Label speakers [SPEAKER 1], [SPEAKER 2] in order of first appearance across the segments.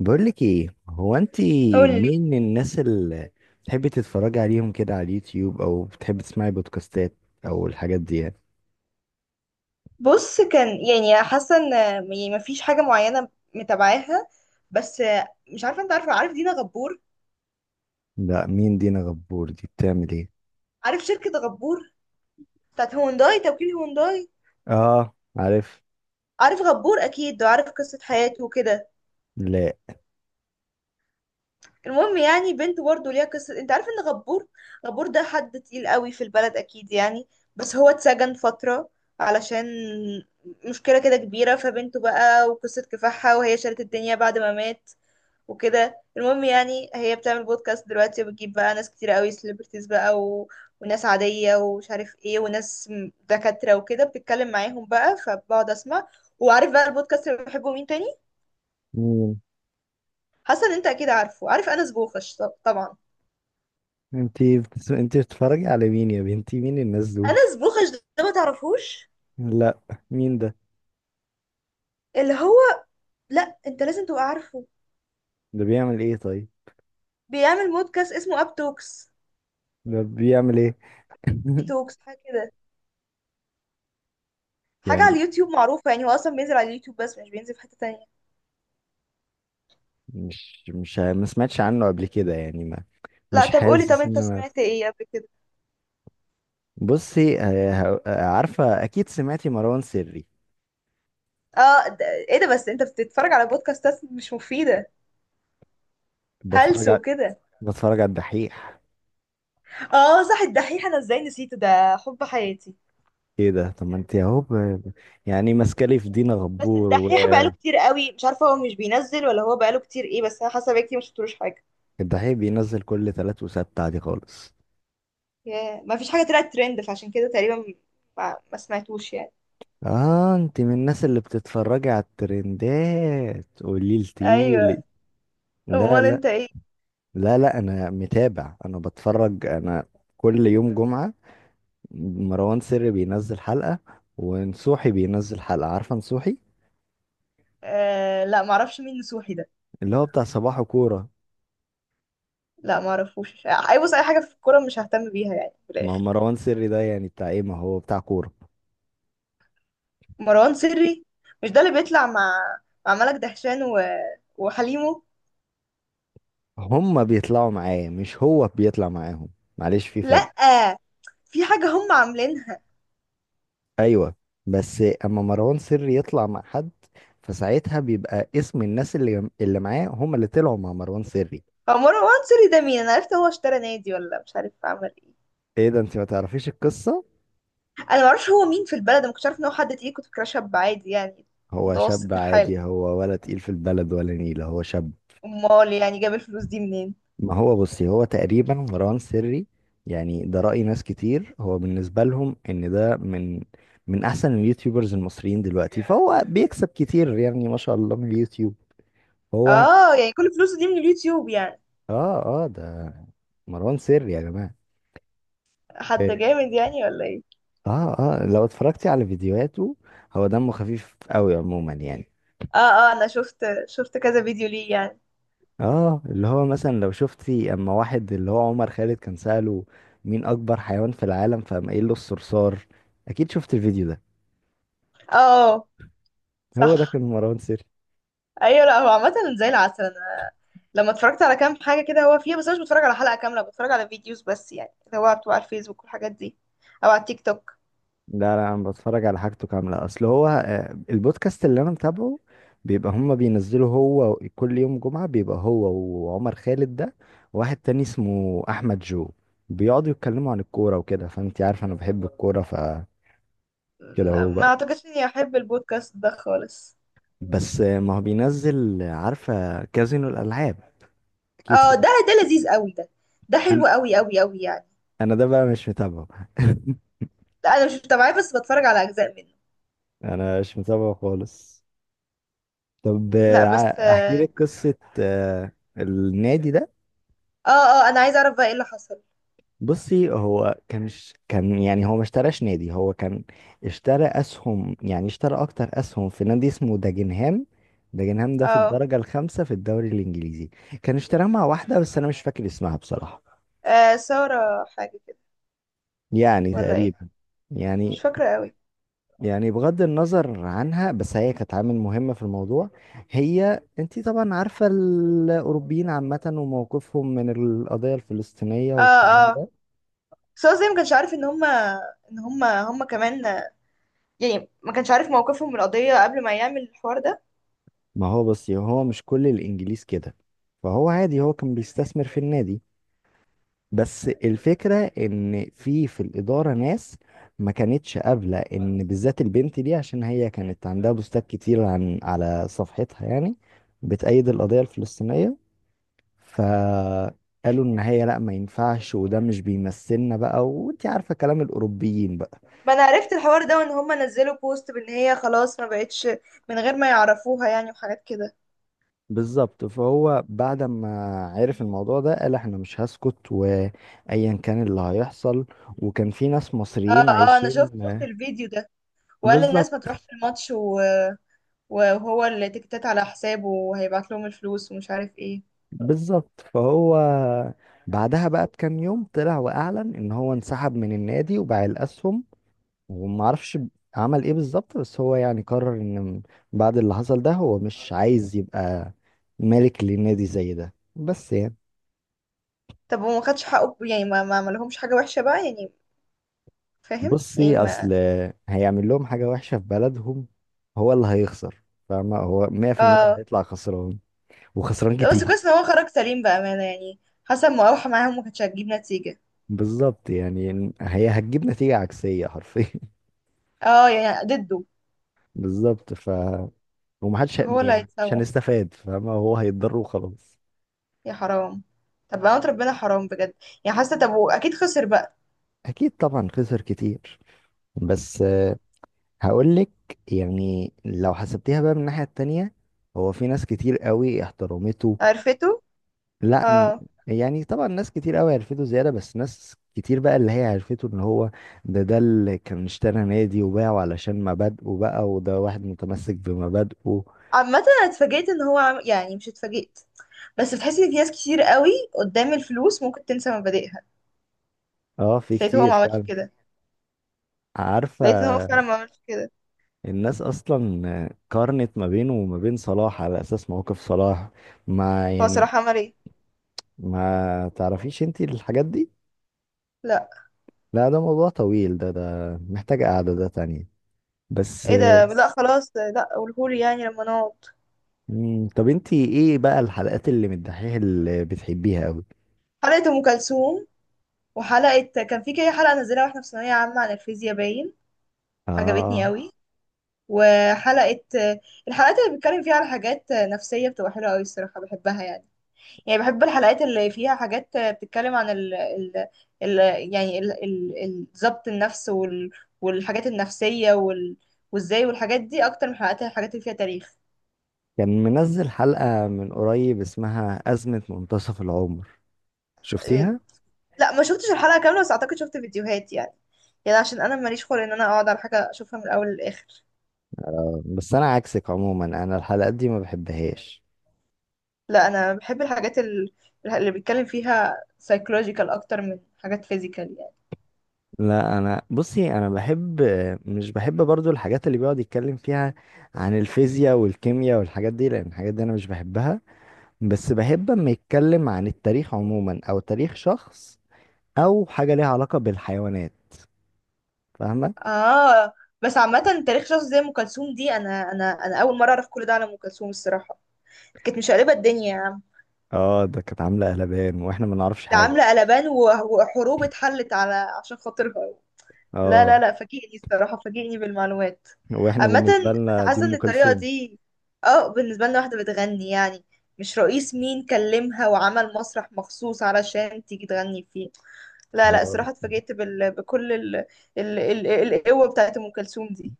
[SPEAKER 1] بقولك ايه، هو انت
[SPEAKER 2] قولي.
[SPEAKER 1] مين من الناس اللي بتحبي تتفرجي عليهم كده على اليوتيوب، او بتحبي تسمعي بودكاستات او الحاجات دي يعني؟
[SPEAKER 2] بص، كان يعني حاسه ان يعني مفيش حاجه معينه متابعاها، بس مش عارفه. انت عارف دينا غبور؟
[SPEAKER 1] لا، مين دينا غبور دي؟ بتعمل ايه؟
[SPEAKER 2] عارف شركه غبور بتاعت هونداي، توكيل هونداي.
[SPEAKER 1] اه عارف.
[SPEAKER 2] عارف غبور اكيد، وعارف قصه حياته وكده.
[SPEAKER 1] لا
[SPEAKER 2] المهم يعني بنته برضه ليها قصه. انت عارف ان غبور ده حد تقيل قوي في البلد اكيد يعني. بس هو اتسجن فتره علشان مشكله كده كبيره. فبنته بقى وقصه كفاحها، وهي شالت الدنيا بعد ما مات وكده. المهم يعني هي بتعمل بودكاست دلوقتي، وبتجيب بقى ناس كتير قوي، سليبرتيز بقى و... وناس عادية ومش عارف ايه، وناس دكاترة وكده، بتتكلم معاهم بقى، فبقعد اسمع. وعارف بقى البودكاست اللي بحبه مين تاني؟
[SPEAKER 1] مين؟
[SPEAKER 2] حسن. انت اكيد عارف انس بوخش طبعا.
[SPEAKER 1] انت انت بتتفرجي على مين يا بنتي؟ مين الناس دول؟
[SPEAKER 2] انس بوخش ده ما تعرفوش؟
[SPEAKER 1] لا مين ده؟
[SPEAKER 2] اللي هو لا، انت لازم تبقى عارفه.
[SPEAKER 1] ده بيعمل ايه طيب؟
[SPEAKER 2] بيعمل بودكاست اسمه اب توكس
[SPEAKER 1] ده بيعمل ايه؟
[SPEAKER 2] اي توكس، حاجة كده، حاجة على
[SPEAKER 1] يعني
[SPEAKER 2] اليوتيوب معروفة يعني. هو اصلا بينزل على اليوتيوب، بس مش بينزل في حتة تانية.
[SPEAKER 1] مش ما سمعتش عنه قبل كده يعني، ما
[SPEAKER 2] لا،
[SPEAKER 1] مش
[SPEAKER 2] طب قولي، طب
[SPEAKER 1] حاسس
[SPEAKER 2] انت
[SPEAKER 1] ان انا.
[SPEAKER 2] سمعت ايه قبل كده؟
[SPEAKER 1] بصي عارفة أكيد سمعتي مروان سري؟
[SPEAKER 2] اه، ده ايه ده؟ بس انت بتتفرج على بودكاستات مش مفيدة،
[SPEAKER 1] بتفرج
[SPEAKER 2] هلس
[SPEAKER 1] على،
[SPEAKER 2] وكده.
[SPEAKER 1] بتفرج على الدحيح.
[SPEAKER 2] اه صح، الدحيح. انا ازاي نسيته؟ ده حب حياتي.
[SPEAKER 1] إيه ده؟ طب ما أنت أهو. يعني ماسكة لي في دينا
[SPEAKER 2] بس
[SPEAKER 1] غبور.
[SPEAKER 2] الدحيح بقاله كتير قوي، مش عارفة هو مش بينزل ولا هو بقاله كتير ايه، بس انا حاسة بقالي كتير ما شفتلوش حاجة.
[SPEAKER 1] والدحيح بينزل كل تلات وسبت عادي خالص.
[SPEAKER 2] ياه، ما فيش حاجة طلعت ترند، فعشان كده تقريبا ما سمعتوش يعني.
[SPEAKER 1] آه، أنت من الناس اللي بتتفرجي على الترندات؟ قولي لتيلي.
[SPEAKER 2] ايوه.
[SPEAKER 1] لا
[SPEAKER 2] امال
[SPEAKER 1] لا.
[SPEAKER 2] انت ايه؟
[SPEAKER 1] لا لا، أنا متابع، أنا بتفرج، أنا كل يوم جمعة مروان سري بينزل حلقة، ونصوحي بينزل حلقة. عارفة نصوحي؟
[SPEAKER 2] آه، لا معرفش مين نسوحي ده.
[SPEAKER 1] اللي هو بتاع صباح كورة.
[SPEAKER 2] لا معرفوش. اي، بص، اي حاجة في الكورة مش ههتم بيها يعني في
[SPEAKER 1] ما هو
[SPEAKER 2] الاخر.
[SPEAKER 1] مروان سري ده يعني بتاع ايه؟ ما هو بتاع كورة.
[SPEAKER 2] مروان سري، مش ده اللي بيطلع مع ملك دهشان و... وحليمه؟
[SPEAKER 1] هما بيطلعوا معاه، مش هو بيطلع معاهم. معلش في فرق.
[SPEAKER 2] لأ، في حاجة هم عاملينها.
[SPEAKER 1] ايوه، بس اما مروان سري يطلع مع حد، فساعتها بيبقى اسم الناس اللي معاه هما اللي طلعوا مع مروان سري.
[SPEAKER 2] هو مروان سوري ده مين؟ انا عرفت هو اشترى نادي ولا مش عارف عمل ايه.
[SPEAKER 1] ايه ده، انت ما تعرفيش القصة؟
[SPEAKER 2] انا معرفش هو مين في البلد، أنا ما كنتش عارف ان هو حد تقيل، كنت فاكراه شاب عادي يعني،
[SPEAKER 1] هو شاب
[SPEAKER 2] متوسط الحال.
[SPEAKER 1] عادي هو، ولا تقيل في البلد ولا نيلة؟ هو شاب.
[SPEAKER 2] امال يعني جاب الفلوس دي منين؟
[SPEAKER 1] ما هو بصي، هو تقريبا مروان سري يعني ده رأي ناس كتير، هو بالنسبة لهم ان ده من، من احسن اليوتيوبرز المصريين دلوقتي، فهو بيكسب كتير يعني ما شاء الله من اليوتيوب هو.
[SPEAKER 2] اه يعني كل فلوسه دي من اليوتيوب يعني؟
[SPEAKER 1] اه اه، ده مروان سري يا جماعة.
[SPEAKER 2] حد
[SPEAKER 1] إيه.
[SPEAKER 2] جامد يعني ولا ايه؟
[SPEAKER 1] اه اه، لو اتفرجتي على فيديوهاته هو دمه خفيف قوي عموما يعني.
[SPEAKER 2] اه اه، انا شفت كذا فيديو ليه يعني.
[SPEAKER 1] اه، اللي هو مثلا لو شفتي اما واحد اللي هو عمر خالد كان سأله، مين اكبر حيوان في العالم، فقام قايل له الصرصار. اكيد شفت الفيديو ده؟
[SPEAKER 2] اه
[SPEAKER 1] هو ده
[SPEAKER 2] صح.
[SPEAKER 1] كان مروان سري.
[SPEAKER 2] ايوه، لا هو عامة زي العسل. انا لما اتفرجت على كام حاجة كده هو فيها، بس انا مش بتفرج على حلقة كاملة، بتفرج على فيديوز بس يعني، اللي هو بتبقى على الفيسبوك والحاجات دي، او على التيك توك.
[SPEAKER 1] لا لا، انا بتفرج على حاجته كامله، اصل هو البودكاست اللي انا متابعه بيبقى هما بينزلوا هو كل يوم جمعه، بيبقى هو وعمر خالد ده، واحد تاني اسمه احمد جو، بيقعدوا يتكلموا عن الكوره وكده. فانت عارف انا بحب الكوره فكده.
[SPEAKER 2] لا،
[SPEAKER 1] هو
[SPEAKER 2] ما
[SPEAKER 1] بقى
[SPEAKER 2] اعتقدش اني احب البودكاست ده خالص.
[SPEAKER 1] بس، ما هو بينزل. عارفه كازينو الالعاب؟ اكيد
[SPEAKER 2] اه،
[SPEAKER 1] سمعت-
[SPEAKER 2] ده لذيذ قوي ده، ده
[SPEAKER 1] انا،
[SPEAKER 2] حلو قوي قوي قوي يعني.
[SPEAKER 1] انا ده بقى مش متابعه.
[SPEAKER 2] لا انا مش متابعاه، بس بتفرج على اجزاء منه.
[SPEAKER 1] انا مش متابعه خالص. طب
[SPEAKER 2] لا بس.
[SPEAKER 1] احكي لك قصه النادي ده.
[SPEAKER 2] اه اه، انا عايزه اعرف بقى ايه اللي حصل.
[SPEAKER 1] بصي، هو كان كان يعني، هو ما اشتراش نادي، هو كان اشترى اسهم، يعني اشترى اكتر اسهم في نادي اسمه داجنهام. داجنهام ده في
[SPEAKER 2] اه،
[SPEAKER 1] الدرجة الخامسة في الدوري الانجليزي. كان اشتراها مع واحدة بس انا مش فاكر اسمها بصراحة.
[SPEAKER 2] سارة حاجه كده
[SPEAKER 1] يعني
[SPEAKER 2] ولا ايه؟
[SPEAKER 1] تقريبا.
[SPEAKER 2] مش
[SPEAKER 1] يعني،
[SPEAKER 2] فاكره قوي.
[SPEAKER 1] يعني بغض النظر عنها، بس هي كانت عامل مهمة في الموضوع. هي، انتي طبعا عارفة الاوروبيين عامة وموقفهم من القضية الفلسطينية
[SPEAKER 2] اه
[SPEAKER 1] والكلام
[SPEAKER 2] اه،
[SPEAKER 1] ده.
[SPEAKER 2] سارة. زي ما كانش عارف ان هما هما كمان يعني، ما كانش عارف موقفهم من القضيه قبل ما يعمل الحوار ده.
[SPEAKER 1] ما هو بس هو مش كل الانجليز كده، فهو عادي هو كان بيستثمر في النادي. بس الفكرة ان في الإدارة ناس ما كانتش قابلة ان بالذات البنت دي، عشان هي كانت عندها بوستات كتير عن، على صفحتها يعني، بتأيد القضية الفلسطينية. فقالوا ان هي لا ما ينفعش، وده مش بيمثلنا بقى، وانت عارفة كلام الأوروبيين بقى.
[SPEAKER 2] ما انا عرفت الحوار ده، وان هما نزلوا بوست بان هي خلاص ما بقتش، من غير ما يعرفوها يعني، وحاجات كده.
[SPEAKER 1] بالظبط. فهو بعد ما عرف الموضوع ده، قال احنا مش هسكت، وايا كان اللي هيحصل. وكان في ناس
[SPEAKER 2] اه
[SPEAKER 1] مصريين
[SPEAKER 2] اه، انا
[SPEAKER 1] عايشين.
[SPEAKER 2] شفت الفيديو ده، وقال الناس ما
[SPEAKER 1] بالظبط.
[SPEAKER 2] تروحش الماتش و... وهو اللي تكتات على حسابه وهيبعت لهم الفلوس ومش عارف ايه.
[SPEAKER 1] بالظبط. فهو بعدها بقى بكام يوم طلع واعلن ان هو انسحب من النادي، وباع الاسهم. وما اعرفش عمل ايه بالظبط. بس هو يعني قرر ان بعد اللي حصل ده، هو مش عايز يبقى مالك للنادي زي ده، بس يعني.
[SPEAKER 2] طب وما خدش حقه يعني؟ ما عملهمش حاجة وحشة بقى يعني، فاهم يعني؟
[SPEAKER 1] بصي
[SPEAKER 2] ما
[SPEAKER 1] اصل، هيعمل لهم حاجه وحشه في بلدهم؟ هو اللي هيخسر. فاهمه، هو 100%
[SPEAKER 2] اه.
[SPEAKER 1] هيطلع خسران، وخسران
[SPEAKER 2] لا بس
[SPEAKER 1] كتير.
[SPEAKER 2] كويس ان هو خرج سليم بأمانة يعني، حسب ما اوحى معاهم ما كانتش هتجيب نتيجة.
[SPEAKER 1] بالظبط، يعني هي هتجيب نتيجه عكسيه حرفيا.
[SPEAKER 2] اه يعني ضده.
[SPEAKER 1] بالظبط، ف، ومحدش
[SPEAKER 2] هو اللي
[SPEAKER 1] يعني، مش
[SPEAKER 2] هيتسوح،
[SPEAKER 1] هنستفاد، فاهمه، هو هيتضر وخلاص.
[SPEAKER 2] يا حرام. طب بقى، ربنا، حرام بجد. يعني حاسة. طب واكيد خسر بقى.
[SPEAKER 1] اكيد طبعا خسر كتير. بس هقول لك، يعني لو حسبتيها بقى من الناحيه التانية، هو في ناس كتير قوي احترمته.
[SPEAKER 2] عرفته.
[SPEAKER 1] لا م-
[SPEAKER 2] اه.
[SPEAKER 1] يعني طبعا ناس كتير قوي عرفته زيادة، بس ناس كتير بقى اللي هي عرفته ان هو ده اللي كان اشترى نادي وباعه علشان مبادئه بقى، وده واحد متمسك بمبادئه.
[SPEAKER 2] عامة انا اتفاجئت ان هو يعني مش اتفاجئت، بس بتحسي ان في ناس كتير قوي قدام الفلوس ممكن تنسى مبادئها.
[SPEAKER 1] اه في
[SPEAKER 2] لقيت هو
[SPEAKER 1] كتير
[SPEAKER 2] ما عملش
[SPEAKER 1] فعلا.
[SPEAKER 2] كده.
[SPEAKER 1] عارفة،
[SPEAKER 2] لقيت ان هو فعلا ما عملش كده.
[SPEAKER 1] الناس أصلا قارنت ما بينه وما بين صلاح، على أساس مواقف صلاح ما
[SPEAKER 2] هو
[SPEAKER 1] يعني.
[SPEAKER 2] صراحة عمل ايه؟
[SPEAKER 1] ما تعرفيش انتي الحاجات دي؟
[SPEAKER 2] لا.
[SPEAKER 1] لا ده موضوع طويل ده، ده محتاج قعدة ده تانية. بس.
[SPEAKER 2] ايه ده؟ لا خلاص، لا قولهولي يعني لما نقعد.
[SPEAKER 1] طب انتي ايه بقى الحلقات اللي من الدحيح اللي بتحبيها أوي؟
[SPEAKER 2] حلقة ام كلثوم، وحلقة كان في كده حلقة نزلها واحنا في ثانوية عامة عن الفيزياء، باين عجبتني
[SPEAKER 1] اه،
[SPEAKER 2] قوي. وحلقة الحلقات اللي بيتكلم فيها على حاجات نفسية بتبقى حلوة قوي الصراحة، بحبها يعني. يعني بحب الحلقات اللي فيها حاجات بتتكلم عن ال ال ال يعني ضبط النفس والحاجات النفسية وازاي، والحاجات دي، اكتر من حلقات الحاجات اللي فيها تاريخ.
[SPEAKER 1] كان منزل حلقة من قريب اسمها أزمة منتصف العمر،
[SPEAKER 2] إيه،
[SPEAKER 1] شفتيها؟
[SPEAKER 2] لا ما شفتش الحلقة كاملة، بس اعتقد شفت فيديوهات يعني. يعني عشان انا ماليش خلق ان انا اقعد على حاجة اشوفها من الاول للاخر.
[SPEAKER 1] بس أنا عكسك عموما، أنا الحلقات دي ما بحبهاش.
[SPEAKER 2] لا انا بحب الحاجات اللي بيتكلم فيها psychological اكتر من حاجات physical يعني.
[SPEAKER 1] لا أنا بصي، أنا بحب، مش بحب برضو الحاجات اللي بيقعد يتكلم فيها عن الفيزياء والكيمياء والحاجات دي، لأن الحاجات دي أنا مش بحبها. بس بحب أما يتكلم عن التاريخ عموما، أو تاريخ شخص، أو حاجة ليها علاقة بالحيوانات. فاهمة؟
[SPEAKER 2] اه. بس عامة، تاريخ شخص زي ام كلثوم دي، انا اول مرة اعرف كل ده على ام كلثوم الصراحة. كانت مشقلبة الدنيا يا عم.
[SPEAKER 1] اه، ده كانت عاملة قلبان واحنا ما نعرفش
[SPEAKER 2] ده
[SPEAKER 1] حاجة.
[SPEAKER 2] عاملة قلبان وحروب اتحلت على عشان خاطرها. لا لا
[SPEAKER 1] اه.
[SPEAKER 2] لا، فاجئني الصراحة، فاجئني بالمعلومات.
[SPEAKER 1] واحنا
[SPEAKER 2] عامة أنا
[SPEAKER 1] بالنسبه لنا دي
[SPEAKER 2] حاسة إن
[SPEAKER 1] ام
[SPEAKER 2] الطريقة
[SPEAKER 1] كلثوم.
[SPEAKER 2] دي، اه، بالنسبة لنا واحدة بتغني يعني، مش رئيس مين كلمها وعمل مسرح مخصوص علشان تيجي تغني فيه. لا لا
[SPEAKER 1] اه
[SPEAKER 2] الصراحة، اتفاجئت بكل ال ال...قوة بتاعت أم كلثوم دي.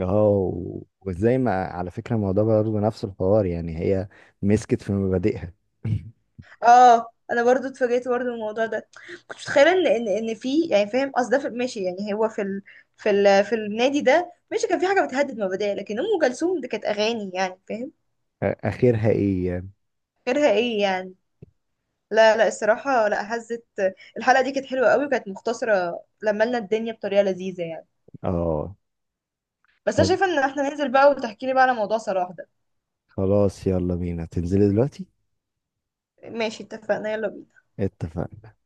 [SPEAKER 1] اه، وازاي ما، على فكره الموضوع برضه نفس الحوار يعني، هي مسكت في مبادئها.
[SPEAKER 2] اه، انا برضو اتفاجئت برضو من الموضوع ده. كنت متخيله ان في يعني، فاهم قصد ده؟ ماشي يعني، هو في النادي ده ماشي كان في حاجه بتهدد مبادئ، لكن ام كلثوم دي كانت اغاني يعني فاهم؟
[SPEAKER 1] اخرها ايه يعني؟
[SPEAKER 2] غيرها ايه يعني؟ لا لا الصراحه، لا، هزت. الحلقه دي كانت حلوه قوي، وكانت مختصره لما لنا الدنيا بطريقه لذيذه يعني.
[SPEAKER 1] اه.
[SPEAKER 2] بس انا
[SPEAKER 1] طب
[SPEAKER 2] شايفه ان احنا ننزل بقى وتحكي لي بقى على موضوع صلاح ده.
[SPEAKER 1] خلاص يلا بينا، تنزلي دلوقتي.
[SPEAKER 2] ماشي اتفقنا، يلا بينا.
[SPEAKER 1] اتفقنا.